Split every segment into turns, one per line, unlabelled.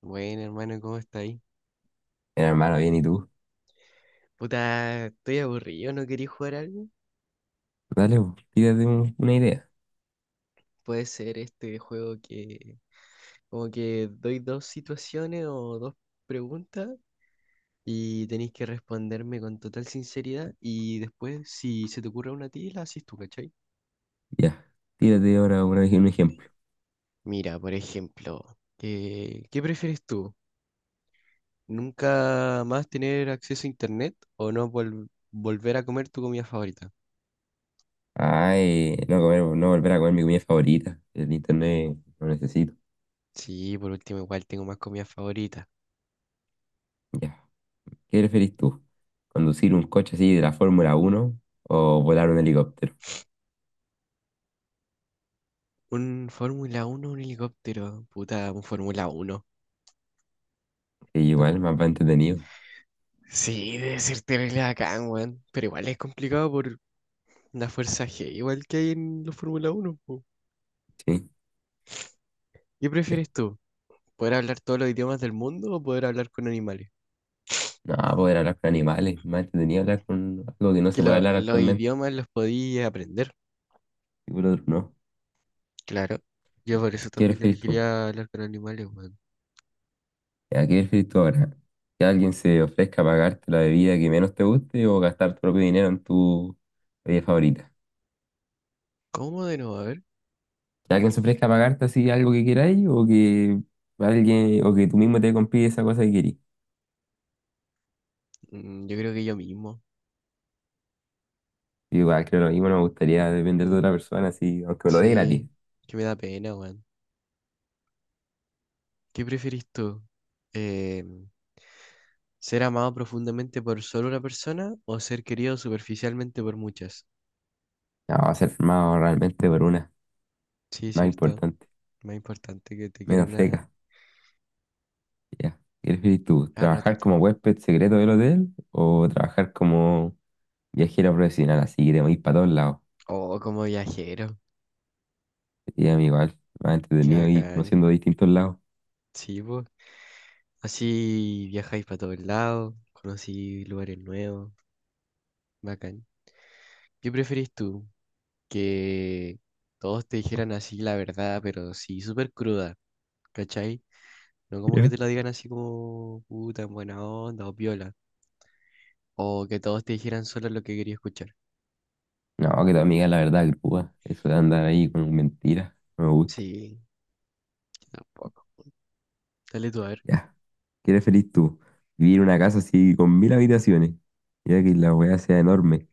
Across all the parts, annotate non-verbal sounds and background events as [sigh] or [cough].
Bueno, hermano, ¿cómo está ahí?
Bien, hermano, bien, ¿y tú?
Puta, estoy aburrido, ¿no quería jugar algo?
Dale, po, tírate una idea.
Puede ser este juego que como que doy dos situaciones o dos preguntas y tenéis que responderme con total sinceridad y después si se te ocurre una a ti, la haces tú, ¿cachai?
Ya, tírate ahora un ejemplo.
Mira, por ejemplo, ¿qué prefieres tú? ¿Nunca más tener acceso a internet o no volver a comer tu comida favorita?
Ay, no volver a comer mi comida favorita. El internet lo necesito.
Sí, por último, igual tengo más comida favorita.
Ya, ¿qué preferís tú? ¿Conducir un coche así de la Fórmula Uno o volar un helicóptero?
Un Fórmula uno un helicóptero. Puta, un Fórmula uno.
Que
Tú-
igual, más va entretenido.
Sí, debe ser terrible bacán, weón. Pero igual es complicado por la fuerza G, igual que hay en los Fórmula uno po.
Sí,
¿Qué
ya.
prefieres tú? ¿Poder hablar todos los idiomas del mundo o poder hablar con animales?
No, poder hablar con animales, más entretenido hablar con algo que
Es
no
que
se puede hablar
los
actualmente.
idiomas los podía aprender,
Y por otro, no.
claro. Yo por eso
¿Qué
también
preferís tú?
elegiría hablar con animales, weón.
¿Aquí ¿qué prefieres ahora? ¿Que alguien se ofrezca a pagarte la bebida que menos te guste o gastar tu propio dinero en tu bebida favorita?
¿Cómo de nuevo? A ver.
¿Que alguien se ofrezca a pagarte así algo que queráis, o que tú mismo te compres esa cosa que querís?
Yo creo que yo mismo.
Yo igual creo lo mismo, no me gustaría depender
Mm,
de otra persona así, aunque me lo dé gratis.
sí, que me da pena, weón. ¿Qué prefieres tú? Em, ¿Ser amado profundamente por solo una persona o ser querido superficialmente por muchas?
No, va a ser firmado realmente por una
Sí,
más
cierto.
importante,
Más importante que te
menos
quieran a,
feca. Ya, ¿qué prefieres tú?
a
¿Trabajar
ratito.
como huésped secreto del hotel o trabajar como viajero profesional así que te movís para todos lados?
Oh, como viajero.
Y amigo, igual, más
Qué
entretenido ir
bacán.
conociendo distintos lados.
Sí, pues. Así viajáis para todos lados. Conocí lugares nuevos. Bacán. ¿Qué preferís tú? Que todos te dijeran así la verdad, pero sí, súper cruda. ¿Cachai? No como que
Ya.
te lo digan así como puta, en buena onda o piola. O que todos te dijeran solo lo que quería escuchar.
No, que tu amiga, la verdad, grúa. Eso de andar ahí con mentiras, no me gusta.
Sí, tampoco. Dale tú a ver.
Ya, ¿qué eres feliz tú? ¿Vivir en una casa así con mil habitaciones? Ya que la weá sea enorme.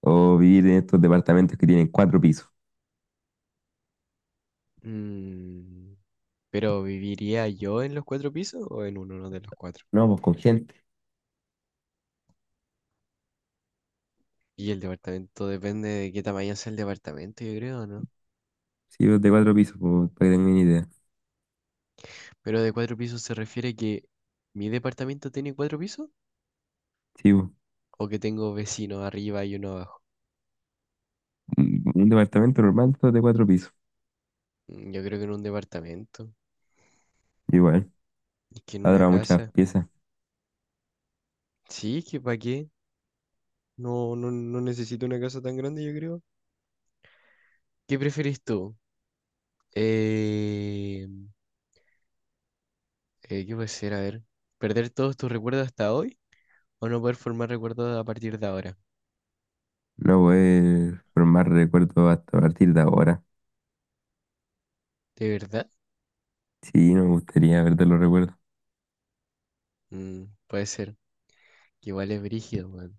O vivir en estos departamentos que tienen cuatro pisos.
Mm, pero ¿viviría yo en los cuatro pisos o en uno de los cuatro?
No, pues con gente.
Y el departamento depende de qué tamaño sea el departamento, yo creo, ¿no?
Sí, pues, de cuatro pisos, pues, para que tengan una idea.
Pero de cuatro pisos se refiere que mi departamento tiene cuatro pisos
Sí, pues,
o que tengo vecinos arriba y uno abajo.
un departamento normal, todo de cuatro pisos.
Yo creo que en un departamento.
Igual,
Es que en una
habrá muchas
casa.
piezas.
Sí, es que ¿para qué? No, no, no necesito una casa tan grande, yo creo. ¿Qué prefieres tú? Eh, ¿Qué puede ser? A ver. ¿Perder todos tus recuerdos hasta hoy? ¿O no poder formar recuerdos a partir de ahora?
No poder formar recuerdos hasta a partir de ahora.
¿De verdad?
Sí, no me gustaría perder los recuerdos.
Puede ser. Que igual es brígido, weón.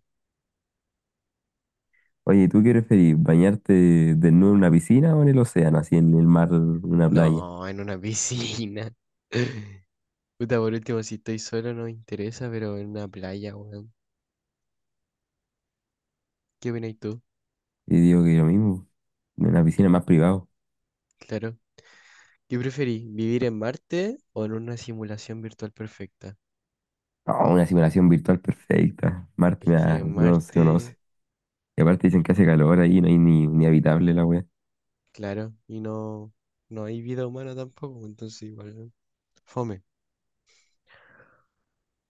Oye, ¿tú qué preferís? ¿Bañarte desnudo en una piscina o en el océano, así en el mar, en una playa?
No, en una piscina. [laughs] Puta, por último, si estoy solo no me interesa, pero en una playa, weón. ¿Qué opinas tú?
Y digo que lo mismo, en una piscina más privado.
Claro. ¿Qué preferís? ¿Vivir en Marte o en una simulación virtual perfecta?
No, una simulación virtual perfecta. Marte
Es que en
no se
Marte,
conoce. Y aparte dicen que hace calor ahí, no hay ni habitable la wea.
claro, y no, no hay vida humana tampoco, entonces igual, fome.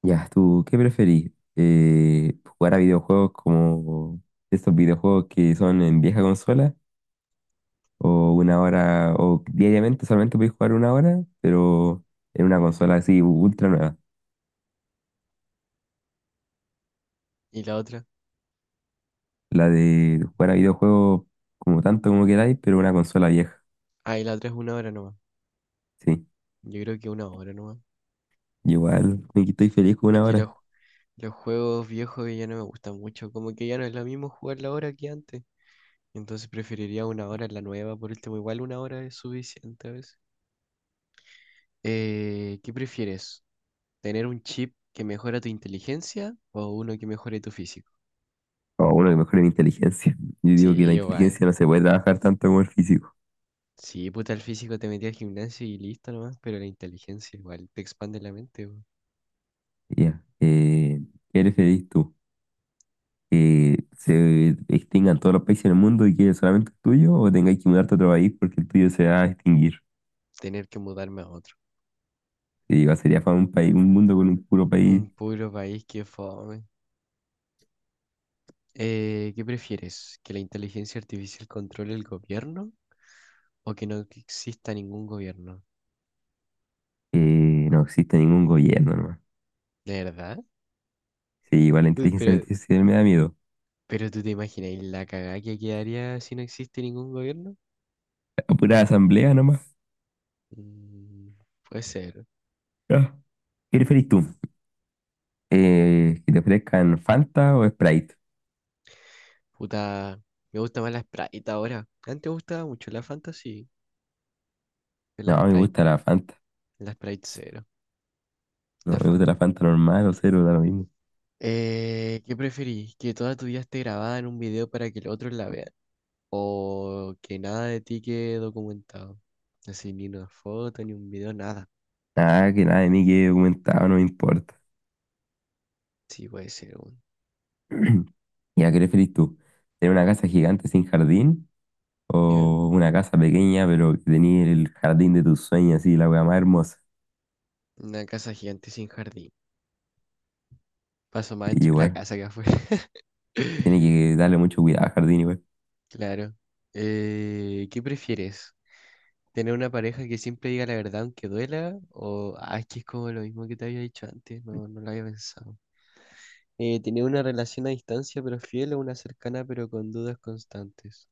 Ya, ¿tú qué preferís? ¿Jugar a videojuegos como estos videojuegos que son en vieja consola? ¿O o diariamente solamente podéis jugar una hora, pero en una consola así ultra nueva?
¿Y la otra?
La de jugar a videojuegos como tanto como queráis, pero una consola vieja.
Ah, y la otra es una hora nomás.
Sí,
Yo creo que una hora nomás.
igual me estoy feliz con
Es
una
que los
hora.
Los juegos viejos ya no me gustan mucho, como que ya no es lo mismo jugarla ahora que antes. Entonces preferiría una hora en la nueva, por último, igual una hora es suficiente a veces. ¿Qué prefieres? ¿Tener un chip que mejora tu inteligencia o uno que mejore tu físico?
O bueno, que mejore mi inteligencia. [laughs] Yo
Sí,
digo que la
igual.
inteligencia no se puede trabajar tanto como el físico.
Sí, puta, el físico te metí al gimnasio y listo nomás, pero la inteligencia igual te expande la mente, weón.
Ya. ¿Eres feliz tú? ¿Que se extingan todos los países del mundo y quede solamente el tuyo? ¿O tengáis que mudarte a otro país porque el tuyo se va a extinguir?
Tener que mudarme a otro.
Te digo, sería para un país, un mundo con un puro
Un
país
puro país que fome. ¿Qué prefieres? ¿Que la inteligencia artificial controle el gobierno o que no exista ningún gobierno?
que no existe ningún gobierno nomás.
¿De verdad?
Sí, igual la
Uy,
inteligencia
Pero,
artificial me da miedo.
pero ¿tú te imaginas la cagada que quedaría si no existe ningún gobierno?
A pura asamblea nomás.
Mm, Puede ser.
Ah. ¿Qué preferís tú? ¿Que te ofrezcan Fanta o Sprite?
Puta, me gusta más la Sprite ahora. Antes me gustaba mucho la Fanta, sí. Pero la
No, me
Sprite,
gusta la Fanta.
la Sprite cero,
No,
la
me gusta la
Fanta.
Fanta normal o cero, da lo mismo.
¿Qué preferís? ¿Que toda tu vida esté grabada en un video para que los otros la vean? ¿O que nada de ti quede documentado? Así, ni una foto, ni un video, nada.
Nada, que nada de mí quede documentado, no me importa.
Sí, puede ser, weón.
[clears throat] ¿Y a qué preferís tú? ¿Tener una casa gigante sin jardín?
¿Ya?
¿O una casa pequeña pero que tenía el jardín de tus sueños así, la weá más hermosa?
Una casa gigante sin jardín. Paso más
Y
dentro de la
igual,
casa que afuera.
tiene
[laughs]
que darle mucho cuidado al jardín igual.
Claro. ¿Qué prefieres? ¿Tener una pareja que siempre diga la verdad aunque duela? ¿O, ah, es que es como lo mismo que te había dicho antes? No, no lo había pensado. ¿Tener una relación a distancia pero fiel o una cercana pero con dudas constantes?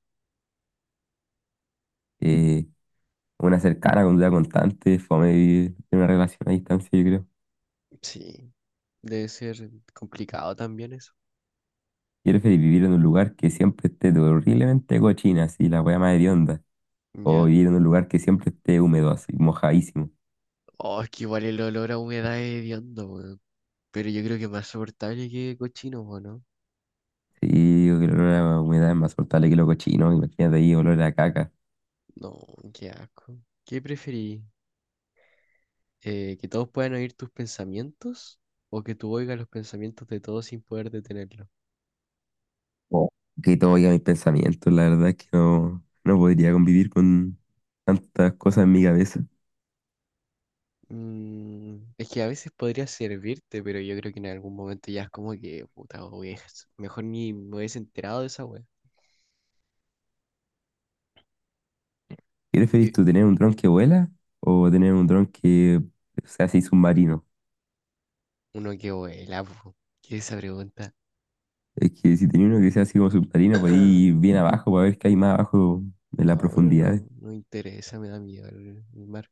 Eh, una cercana con duda constante, fome vivir en una relación a distancia, yo creo.
Sí, debe ser complicado también eso.
Quiero que vivir en un lugar que siempre esté horriblemente cochina, así, la weá más hedionda. O
Ya.
vivir en un lugar que siempre esté húmedo, así, mojadísimo.
Oh, es que igual el olor a humedad es hediondo, weón. Pero yo creo que es más soportable que cochino, ¿o no?
Sí, yo creo que el olor a la humedad es más soltable que lo cochino, imagínate ahí, olor a caca.
No, qué asco. ¿Qué preferí? ¿Que todos puedan oír tus pensamientos o que tú oigas los pensamientos de todos sin poder detenerlos?
Oh. Que todo llega a mis pensamientos, la verdad es que no, no podría convivir con tantas cosas en mi cabeza.
Es que a veces podría servirte, pero yo creo que en algún momento ya es como que, puta, wey, mejor ni me hubiese enterado de esa wea.
¿Qué preferís
Que
tú, tener un dron que vuela o tener un dron que sea así submarino?
Uno que vuela, po. ¿Qué es esa pregunta?
Es que si tenés uno que sea así como submarino, podés ir bien
[clears throat]
abajo para ver qué hay más abajo en la
No, pero
profundidad.
no, no interesa, me da miedo el mar.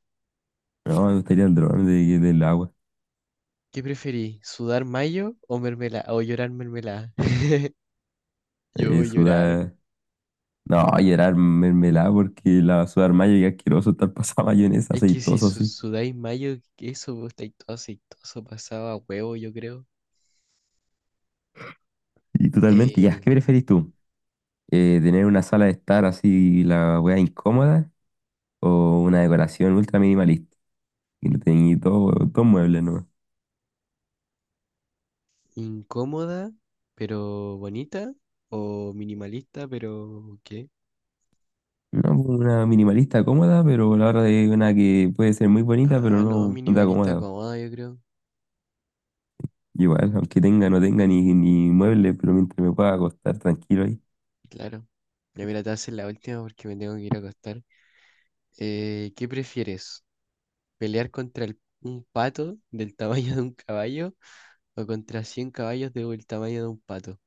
No, me gustaría el dron del agua.
¿Qué preferí? ¿Sudar mayo o mermelada? ¿O llorar mermelada? [laughs] Yo
Eh,
voy a llorar.
sudar. No, llorar mermelada porque la sudar mayo y asqueroso estar [laughs] pasada mayonesa
Es que si
aceitoso así.
sudáis mayo, eso, vos estáis todo aceitoso, pasaba huevo, yo creo.
Y totalmente, ya, ¿qué
Eh,
preferís tú? ¿Tener una sala de estar así, la weá incómoda? ¿O una decoración ultra minimalista? Y no tenéis todo muebles, ¿no?
incómoda, pero bonita. O minimalista, pero ¿qué?
No, pues, una minimalista cómoda, pero a la hora de una que puede ser muy bonita, pero
Ah, no,
no, no te
minimalista
acomoda.
cómoda, yo creo.
Igual, aunque tenga, no tenga ni muebles, pero mientras me pueda acostar tranquilo ahí.
Claro. Ya mira, te haces la última porque me tengo que ir a acostar. ¿Qué prefieres? ¿Pelear contra un pato del tamaño de un caballo o contra 100 caballos del tamaño de un pato?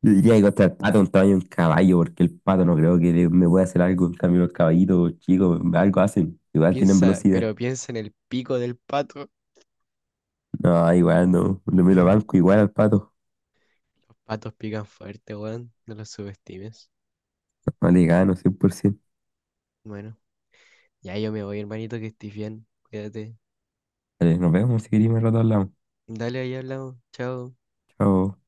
Yo diría que contra el pato un tamaño de un caballo, porque el pato no creo que me pueda hacer algo. En cambio, los caballitos chicos, algo hacen. Igual tienen
Piensa,
velocidad.
pero piensa en el pico del pato.
No, igual no. Lo me lo banco igual al pato.
Los patos pican fuerte, weón. No los subestimes.
No le gano 100%.
Bueno, ya yo me voy, hermanito, que estés bien. Cuídate.
Vale, nos vemos si queréis, más rato hablamos.
Dale, ahí hablamos. Chao.
Chao.